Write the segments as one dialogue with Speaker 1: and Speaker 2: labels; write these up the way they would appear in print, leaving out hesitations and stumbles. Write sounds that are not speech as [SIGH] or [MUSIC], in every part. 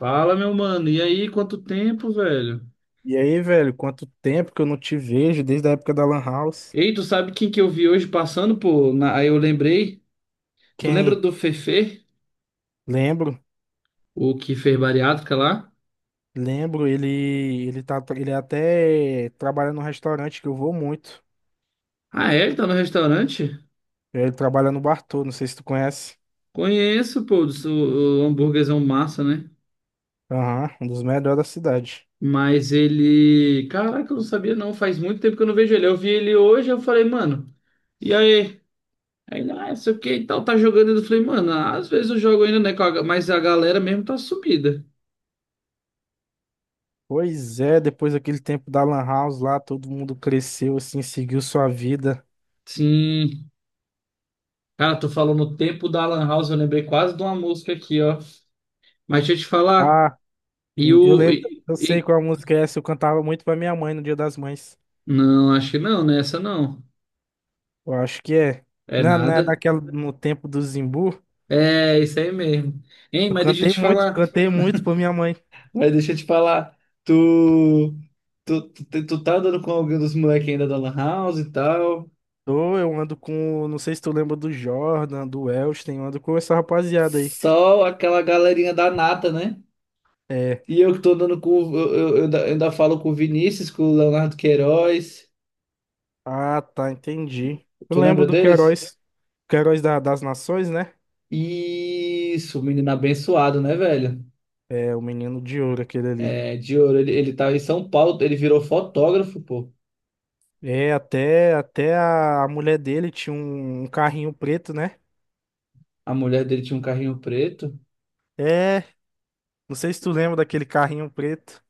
Speaker 1: Fala, meu mano. E aí, quanto tempo, velho?
Speaker 2: E aí, velho, quanto tempo que eu não te vejo desde a época da Lan House?
Speaker 1: Ei, tu sabe quem que eu vi hoje passando, pô? Aí eu lembrei. Tu lembra
Speaker 2: Quem?
Speaker 1: do Fefe,
Speaker 2: Lembro,
Speaker 1: o que fez bariátrica lá?
Speaker 2: lembro, ele tá ele até trabalha num restaurante que eu vou muito.
Speaker 1: Ah, é? Ele tá no restaurante?
Speaker 2: Ele trabalha no Bartô, não sei se tu conhece.
Speaker 1: Conheço, pô, o hambúrguerzão massa, né?
Speaker 2: Aham, um dos melhores da cidade.
Speaker 1: Mas ele. Caraca, eu não sabia não. Faz muito tempo que eu não vejo ele. Eu vi ele hoje, eu falei, mano, e aí? Aí, ele, ah, não sei o que e tal, tá jogando. Eu falei, mano, às vezes eu jogo ainda, né? Mas a galera mesmo tá sumida.
Speaker 2: Pois é, depois daquele tempo da Lan House lá, todo mundo cresceu assim, seguiu sua vida.
Speaker 1: Sim. Cara, tu falou no tempo da Lan House, eu lembrei quase de uma música aqui, ó. Mas deixa eu te falar,
Speaker 2: Ah,
Speaker 1: e
Speaker 2: eu
Speaker 1: o.
Speaker 2: lembro,
Speaker 1: E,
Speaker 2: eu sei
Speaker 1: e-
Speaker 2: qual música é essa, eu cantava muito pra minha mãe no Dia das Mães.
Speaker 1: Não, acho que não, né? Essa não.
Speaker 2: Eu acho que é.
Speaker 1: É
Speaker 2: Não, não
Speaker 1: nada.
Speaker 2: é daquela no tempo do Zimbu?
Speaker 1: É, isso aí mesmo. Hein,
Speaker 2: Eu
Speaker 1: mas deixa eu te falar.
Speaker 2: cantei muito pra minha mãe.
Speaker 1: Mas deixa eu te falar. Tu. Tu tá andando com alguém dos moleques ainda da Lan House e tal.
Speaker 2: Tô, eu ando com, não sei se tu lembra do Jordan, do Elston, eu ando com essa rapaziada aí.
Speaker 1: Só aquela galerinha da nata, né?
Speaker 2: É,
Speaker 1: E eu que tô andando com. Eu ainda falo com o Vinícius, com o Leonardo Queiroz.
Speaker 2: ah, tá, entendi. Eu
Speaker 1: Tu
Speaker 2: lembro
Speaker 1: lembra
Speaker 2: do
Speaker 1: deles?
Speaker 2: Queiroz, das Nações, né?
Speaker 1: Isso, menino abençoado, né, velho?
Speaker 2: É, o menino de ouro, aquele ali.
Speaker 1: É, de ouro, ele tava em São Paulo, ele virou fotógrafo, pô.
Speaker 2: É, até, até a mulher dele tinha um, um carrinho preto, né?
Speaker 1: A mulher dele tinha um carrinho preto.
Speaker 2: É, não sei se tu lembra daquele carrinho preto.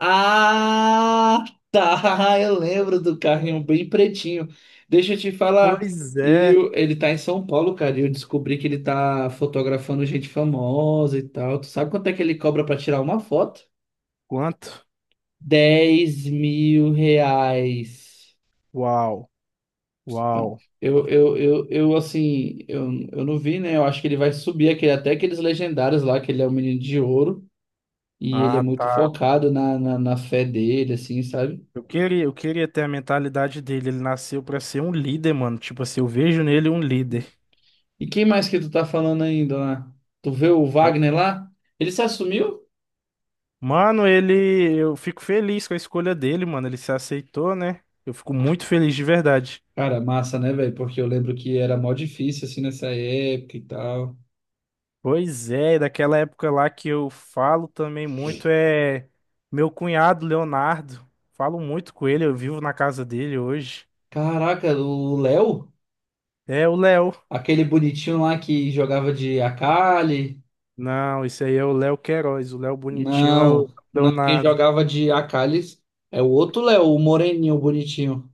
Speaker 1: Ah, tá, [LAUGHS] eu lembro do carrinho bem pretinho. Deixa eu te falar.
Speaker 2: Pois é.
Speaker 1: Ele tá em São Paulo, cara, e eu descobri que ele tá fotografando gente famosa e tal. Tu sabe quanto é que ele cobra pra tirar uma foto?
Speaker 2: Quanto?
Speaker 1: R$ 10.000.
Speaker 2: Uau, uau.
Speaker 1: Eu assim, eu não vi, né? Eu acho que ele vai subir aquele, até aqueles legendários lá, que ele é um menino de ouro, e ele é
Speaker 2: Ah,
Speaker 1: muito
Speaker 2: tá.
Speaker 1: focado na fé dele, assim, sabe?
Speaker 2: Eu queria ter a mentalidade dele. Ele nasceu pra ser um líder, mano. Tipo assim, eu vejo nele um líder.
Speaker 1: E quem mais que tu tá falando ainda lá? Tu vê o
Speaker 2: Eu-
Speaker 1: Wagner lá? Ele se assumiu?
Speaker 2: Mano, ele, eu fico feliz com a escolha dele, mano. Ele se aceitou, né? Eu fico muito feliz de verdade.
Speaker 1: Cara, massa, né, velho? Porque eu lembro que era mó difícil, assim, nessa época e tal.
Speaker 2: Pois é, daquela época lá que eu falo também muito é meu cunhado Leonardo. Falo muito com ele, eu vivo na casa dele hoje.
Speaker 1: Caraca, o Léo?
Speaker 2: É o Léo.
Speaker 1: Aquele bonitinho lá que jogava de Akali.
Speaker 2: Não, esse aí é o Léo Queiroz. O Léo bonitinho é o
Speaker 1: Não, não, quem
Speaker 2: Leonardo.
Speaker 1: jogava de Akali é o outro Léo, o moreninho, o bonitinho.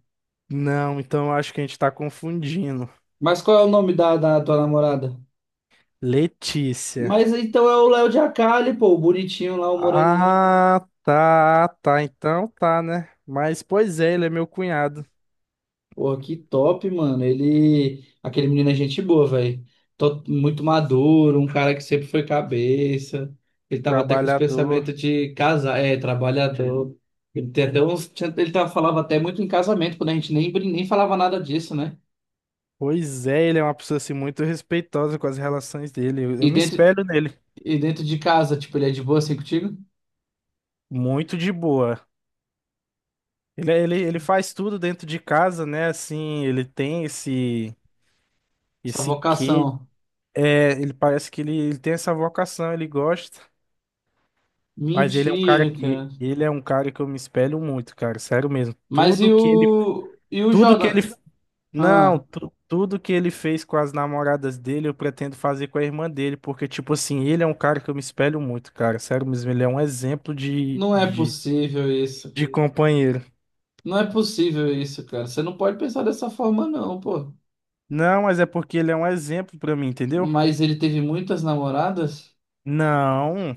Speaker 2: Não, então eu acho que a gente tá confundindo.
Speaker 1: Mas qual é o nome da tua namorada?
Speaker 2: Letícia.
Speaker 1: Mas então é o Léo de Akali, pô, o bonitinho lá, o moreninho.
Speaker 2: Ah, tá, tá. Então tá, né? Mas, pois é, ele é meu cunhado,
Speaker 1: Pô, que top, mano. Ele, aquele menino é gente boa, velho. Tô muito maduro, um cara que sempre foi cabeça. Ele tava até com os
Speaker 2: trabalhador.
Speaker 1: pensamentos de casar, é, trabalhador. Ele tem até uns, tinha- ele tava, falava até muito em casamento, quando a gente nem, brin- nem falava nada disso, né?
Speaker 2: Pois é, ele é uma pessoa assim, muito respeitosa com as relações dele.
Speaker 1: E
Speaker 2: Eu me
Speaker 1: dentro,
Speaker 2: espelho nele.
Speaker 1: E dentro de casa, tipo, ele é de boa assim contigo?
Speaker 2: Muito de boa. Ele, é, ele faz tudo dentro de casa, né? Assim, ele tem esse,
Speaker 1: Essa
Speaker 2: esse quê.
Speaker 1: vocação.
Speaker 2: É, ele parece que ele tem essa vocação, ele gosta. Mas ele é um cara
Speaker 1: Mentira,
Speaker 2: que
Speaker 1: cara.
Speaker 2: ele é um cara que eu me espelho muito, cara. Sério mesmo. Tudo que ele
Speaker 1: E o
Speaker 2: tudo que ele
Speaker 1: Jordan?
Speaker 2: Não,
Speaker 1: Ah,
Speaker 2: tudo que ele fez com as namoradas dele, eu pretendo fazer com a irmã dele, porque, tipo assim, ele é um cara que eu me espelho muito, cara. Sério mesmo, ele é um exemplo
Speaker 1: não é possível isso.
Speaker 2: de companheiro.
Speaker 1: Não é possível isso, cara. Você não pode pensar dessa forma, não, pô.
Speaker 2: Não, mas é porque ele é um exemplo pra mim, entendeu?
Speaker 1: Mas ele teve muitas namoradas?
Speaker 2: Não,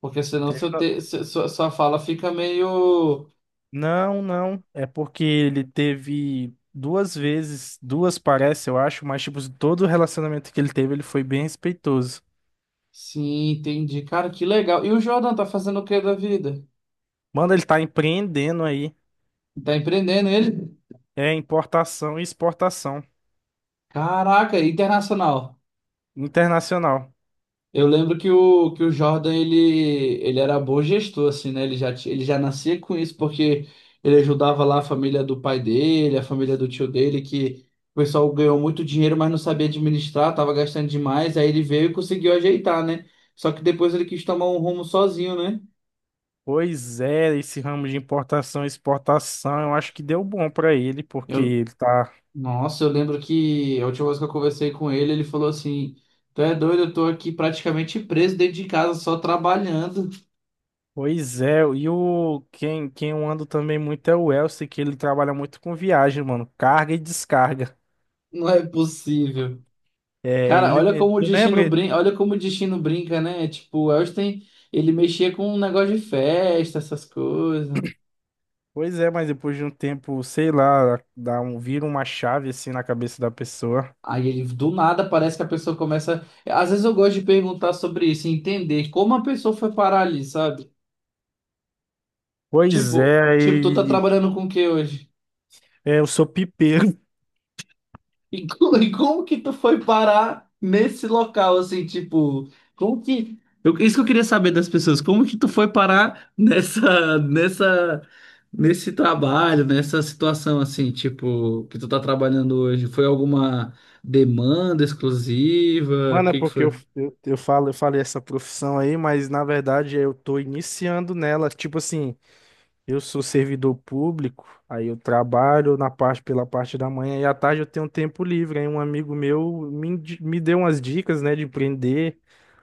Speaker 1: Porque senão
Speaker 2: teve-
Speaker 1: seu te... se- sua, sua fala fica meio.
Speaker 2: não, não. É porque ele teve duas vezes, duas parece, eu acho, mas, tipo, todo o relacionamento que ele teve, ele foi bem respeitoso.
Speaker 1: Sim, entendi. Cara, que legal. E o Jordan tá fazendo o que da vida?
Speaker 2: Mano, ele tá empreendendo aí.
Speaker 1: Tá empreendendo ele?
Speaker 2: É importação e exportação
Speaker 1: Caraca, internacional.
Speaker 2: internacional.
Speaker 1: Eu lembro que o Jordan, ele era bom gestor, assim, né? Ele já nascia com isso, porque ele ajudava lá a família do pai dele, a família do tio dele, que o pessoal ganhou muito dinheiro, mas não sabia administrar, tava gastando demais, aí ele veio e conseguiu ajeitar, né? Só que depois ele quis tomar um rumo sozinho, né?
Speaker 2: Pois é, esse ramo de importação e exportação, eu acho que deu bom pra ele, porque
Speaker 1: Eu,
Speaker 2: ele tá.
Speaker 1: nossa, eu lembro que a última vez que eu conversei com ele, ele falou assim, tu é doido, eu tô aqui praticamente preso dentro de casa, só trabalhando.
Speaker 2: Pois é, e o quem eu ando também muito é o Elcio, que ele trabalha muito com viagem, mano, carga e descarga.
Speaker 1: [LAUGHS] Não é possível.
Speaker 2: É,
Speaker 1: Cara,
Speaker 2: ele
Speaker 1: olha
Speaker 2: mesmo.
Speaker 1: como o
Speaker 2: Tu
Speaker 1: destino
Speaker 2: lembra?
Speaker 1: brinca, olha como o destino brinca, né? Tipo, o Elsten, ele mexia com um negócio de festa, essas coisas.
Speaker 2: Pois é, mas depois de um tempo, sei lá, dá um, vira uma chave assim na cabeça da pessoa.
Speaker 1: Aí ele, do nada parece que a pessoa começa. Às vezes eu gosto de perguntar sobre isso, entender como a pessoa foi parar ali, sabe?
Speaker 2: Pois
Speaker 1: Tipo,
Speaker 2: é,
Speaker 1: tipo, tu tá
Speaker 2: e,
Speaker 1: trabalhando com o que hoje?
Speaker 2: é, eu sou pipeiro. [LAUGHS]
Speaker 1: E como que tu foi parar nesse local, assim, tipo, isso que eu queria saber das pessoas, como que tu foi parar [LAUGHS] nesse trabalho, nessa situação, assim, tipo, que tu tá trabalhando hoje? Foi alguma demanda exclusiva? O
Speaker 2: Mano, é
Speaker 1: que que
Speaker 2: porque eu,
Speaker 1: foi?
Speaker 2: eu, eu falo, eu falei essa profissão aí, mas na verdade eu tô iniciando nela, tipo assim. Eu sou servidor público, aí eu trabalho na parte pela parte da manhã e à tarde eu tenho tempo livre. Aí um amigo meu me, me deu umas dicas, né, de empreender.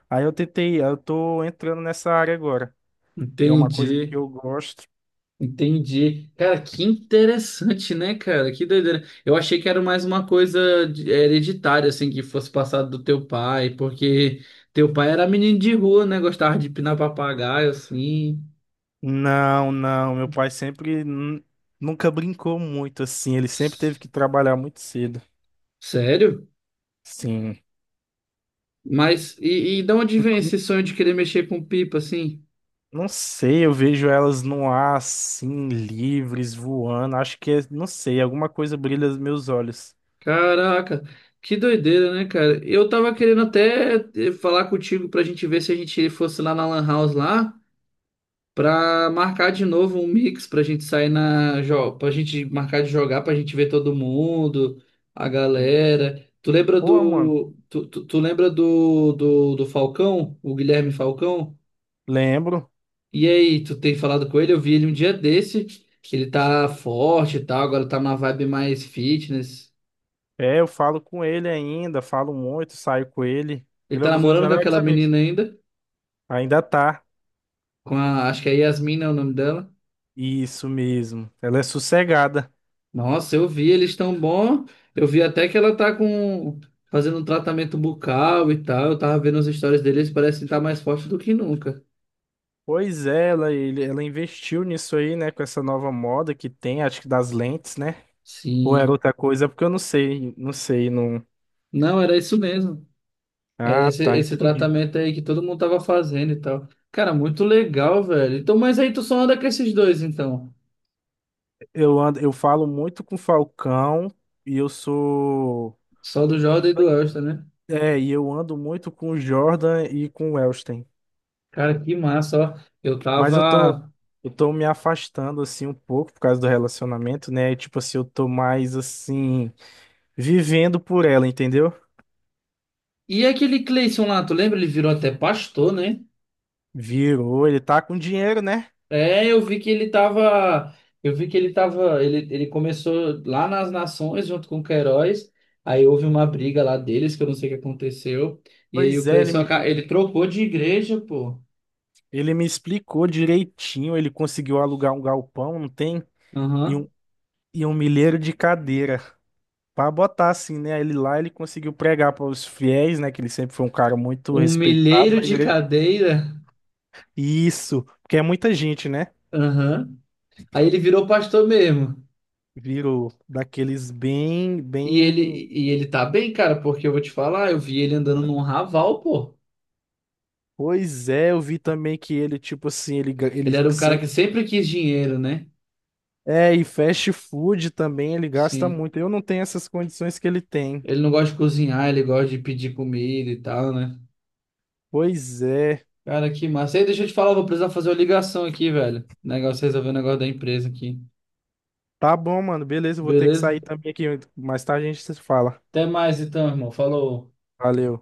Speaker 2: Aí eu tentei, eu tô entrando nessa área agora, que é uma coisa que
Speaker 1: Entendi.
Speaker 2: eu gosto.
Speaker 1: Entendi. Cara, que interessante, né, cara? Que doideira. Eu achei que era mais uma coisa hereditária, assim, que fosse passado do teu pai, porque teu pai era menino de rua, né? Gostava de pinar papagaio, assim.
Speaker 2: Não, não, meu pai sempre nu- nunca brincou muito assim, ele sempre teve que trabalhar muito cedo.
Speaker 1: Sério?
Speaker 2: Sim.
Speaker 1: Mas, e de onde vem
Speaker 2: N-
Speaker 1: esse sonho de querer mexer com pipa, assim?
Speaker 2: Não sei, eu vejo elas no ar assim, livres, voando. Acho que é, não sei, alguma coisa brilha nos meus olhos.
Speaker 1: Caraca, que doideira, né, cara? Eu tava querendo até falar contigo pra gente ver se a gente fosse lá na Lan House lá. Pra marcar de novo um mix pra gente sair na. Jo- Pra gente marcar de jogar, pra gente ver todo mundo, a galera. Tu lembra
Speaker 2: Pô, mano,
Speaker 1: do. Tu, tu, tu lembra do Falcão? O Guilherme Falcão?
Speaker 2: lembro.
Speaker 1: E aí, tu tem falado com ele? Eu vi ele um dia desse. Ele tá forte e tal, agora tá numa vibe mais fitness.
Speaker 2: É, eu falo com ele ainda, falo muito, saio com ele.
Speaker 1: Ele
Speaker 2: Ele é
Speaker 1: tá
Speaker 2: um dos meus
Speaker 1: namorando com
Speaker 2: melhores
Speaker 1: aquela
Speaker 2: amigos.
Speaker 1: menina ainda.
Speaker 2: Ainda tá.
Speaker 1: Acho que é Yasmin, é o nome dela.
Speaker 2: Isso mesmo. Ela é sossegada.
Speaker 1: Nossa, eu vi, eles tão bom. Eu vi até que ela tá com fazendo um tratamento bucal e tal. Eu tava vendo as histórias deles, parece que tá mais forte do que nunca.
Speaker 2: Pois é, ela investiu nisso aí, né? Com essa nova moda que tem, acho que das lentes, né? Ou era
Speaker 1: Sim.
Speaker 2: outra coisa, porque eu não sei, não sei, não.
Speaker 1: Não, era isso mesmo. Era
Speaker 2: Ah,
Speaker 1: esse,
Speaker 2: tá,
Speaker 1: esse
Speaker 2: entendi.
Speaker 1: tratamento aí que todo mundo tava fazendo e tal. Cara, muito legal, velho. Então, mas aí tu só anda com esses dois, então.
Speaker 2: Eu ando, eu falo muito com o Falcão e eu sou.
Speaker 1: Só do Jordan e do Elston, né?
Speaker 2: É, e eu ando muito com o Jordan e com o Elston.
Speaker 1: Cara, que massa, ó. Eu
Speaker 2: Mas eu tô,
Speaker 1: tava.
Speaker 2: eu tô me afastando assim um pouco por causa do relacionamento, né? E, tipo assim, eu tô mais assim vivendo por ela, entendeu?
Speaker 1: E aquele Cleison lá, tu lembra? Ele virou até pastor, né?
Speaker 2: Virou, ele tá com dinheiro, né?
Speaker 1: É, Eu vi que ele tava. Ele começou lá nas Nações junto com o Queiroz. Aí houve uma briga lá deles, que eu não sei o que aconteceu. E aí o
Speaker 2: Pois é,
Speaker 1: Cleiton, ele trocou de igreja, pô.
Speaker 2: ele me explicou direitinho, ele conseguiu alugar um galpão, não tem? E um,
Speaker 1: Aham.
Speaker 2: e um milheiro de cadeira pra botar assim, né? Ele lá, ele conseguiu pregar para os fiéis, né? Que ele sempre foi um cara muito
Speaker 1: Um
Speaker 2: respeitado
Speaker 1: milheiro
Speaker 2: na
Speaker 1: de
Speaker 2: igreja.
Speaker 1: cadeira.
Speaker 2: Isso, porque é muita gente, né?
Speaker 1: Aham. Aí ele virou pastor mesmo.
Speaker 2: Virou daqueles bem,
Speaker 1: E ele,
Speaker 2: bem
Speaker 1: e ele tá bem, cara, porque eu vou te falar, eu vi ele andando num raval, pô.
Speaker 2: Pois é, eu vi também que ele, tipo assim, ele
Speaker 1: Ele era um cara que
Speaker 2: sempre.
Speaker 1: sempre quis dinheiro, né?
Speaker 2: É, e fast food também ele gasta
Speaker 1: Sim.
Speaker 2: muito. Eu não tenho essas condições que ele tem.
Speaker 1: Ele não gosta de cozinhar, ele gosta de pedir comida e tal, né?
Speaker 2: Pois é.
Speaker 1: Cara, que massa. Ei, deixa eu te falar, vou precisar fazer uma ligação aqui, velho. Negócio, resolver o negócio da empresa aqui.
Speaker 2: Tá bom, mano. Beleza, eu vou ter que
Speaker 1: Beleza?
Speaker 2: sair também aqui. Mais tarde a gente se fala.
Speaker 1: Até mais então, irmão. Falou.
Speaker 2: Valeu.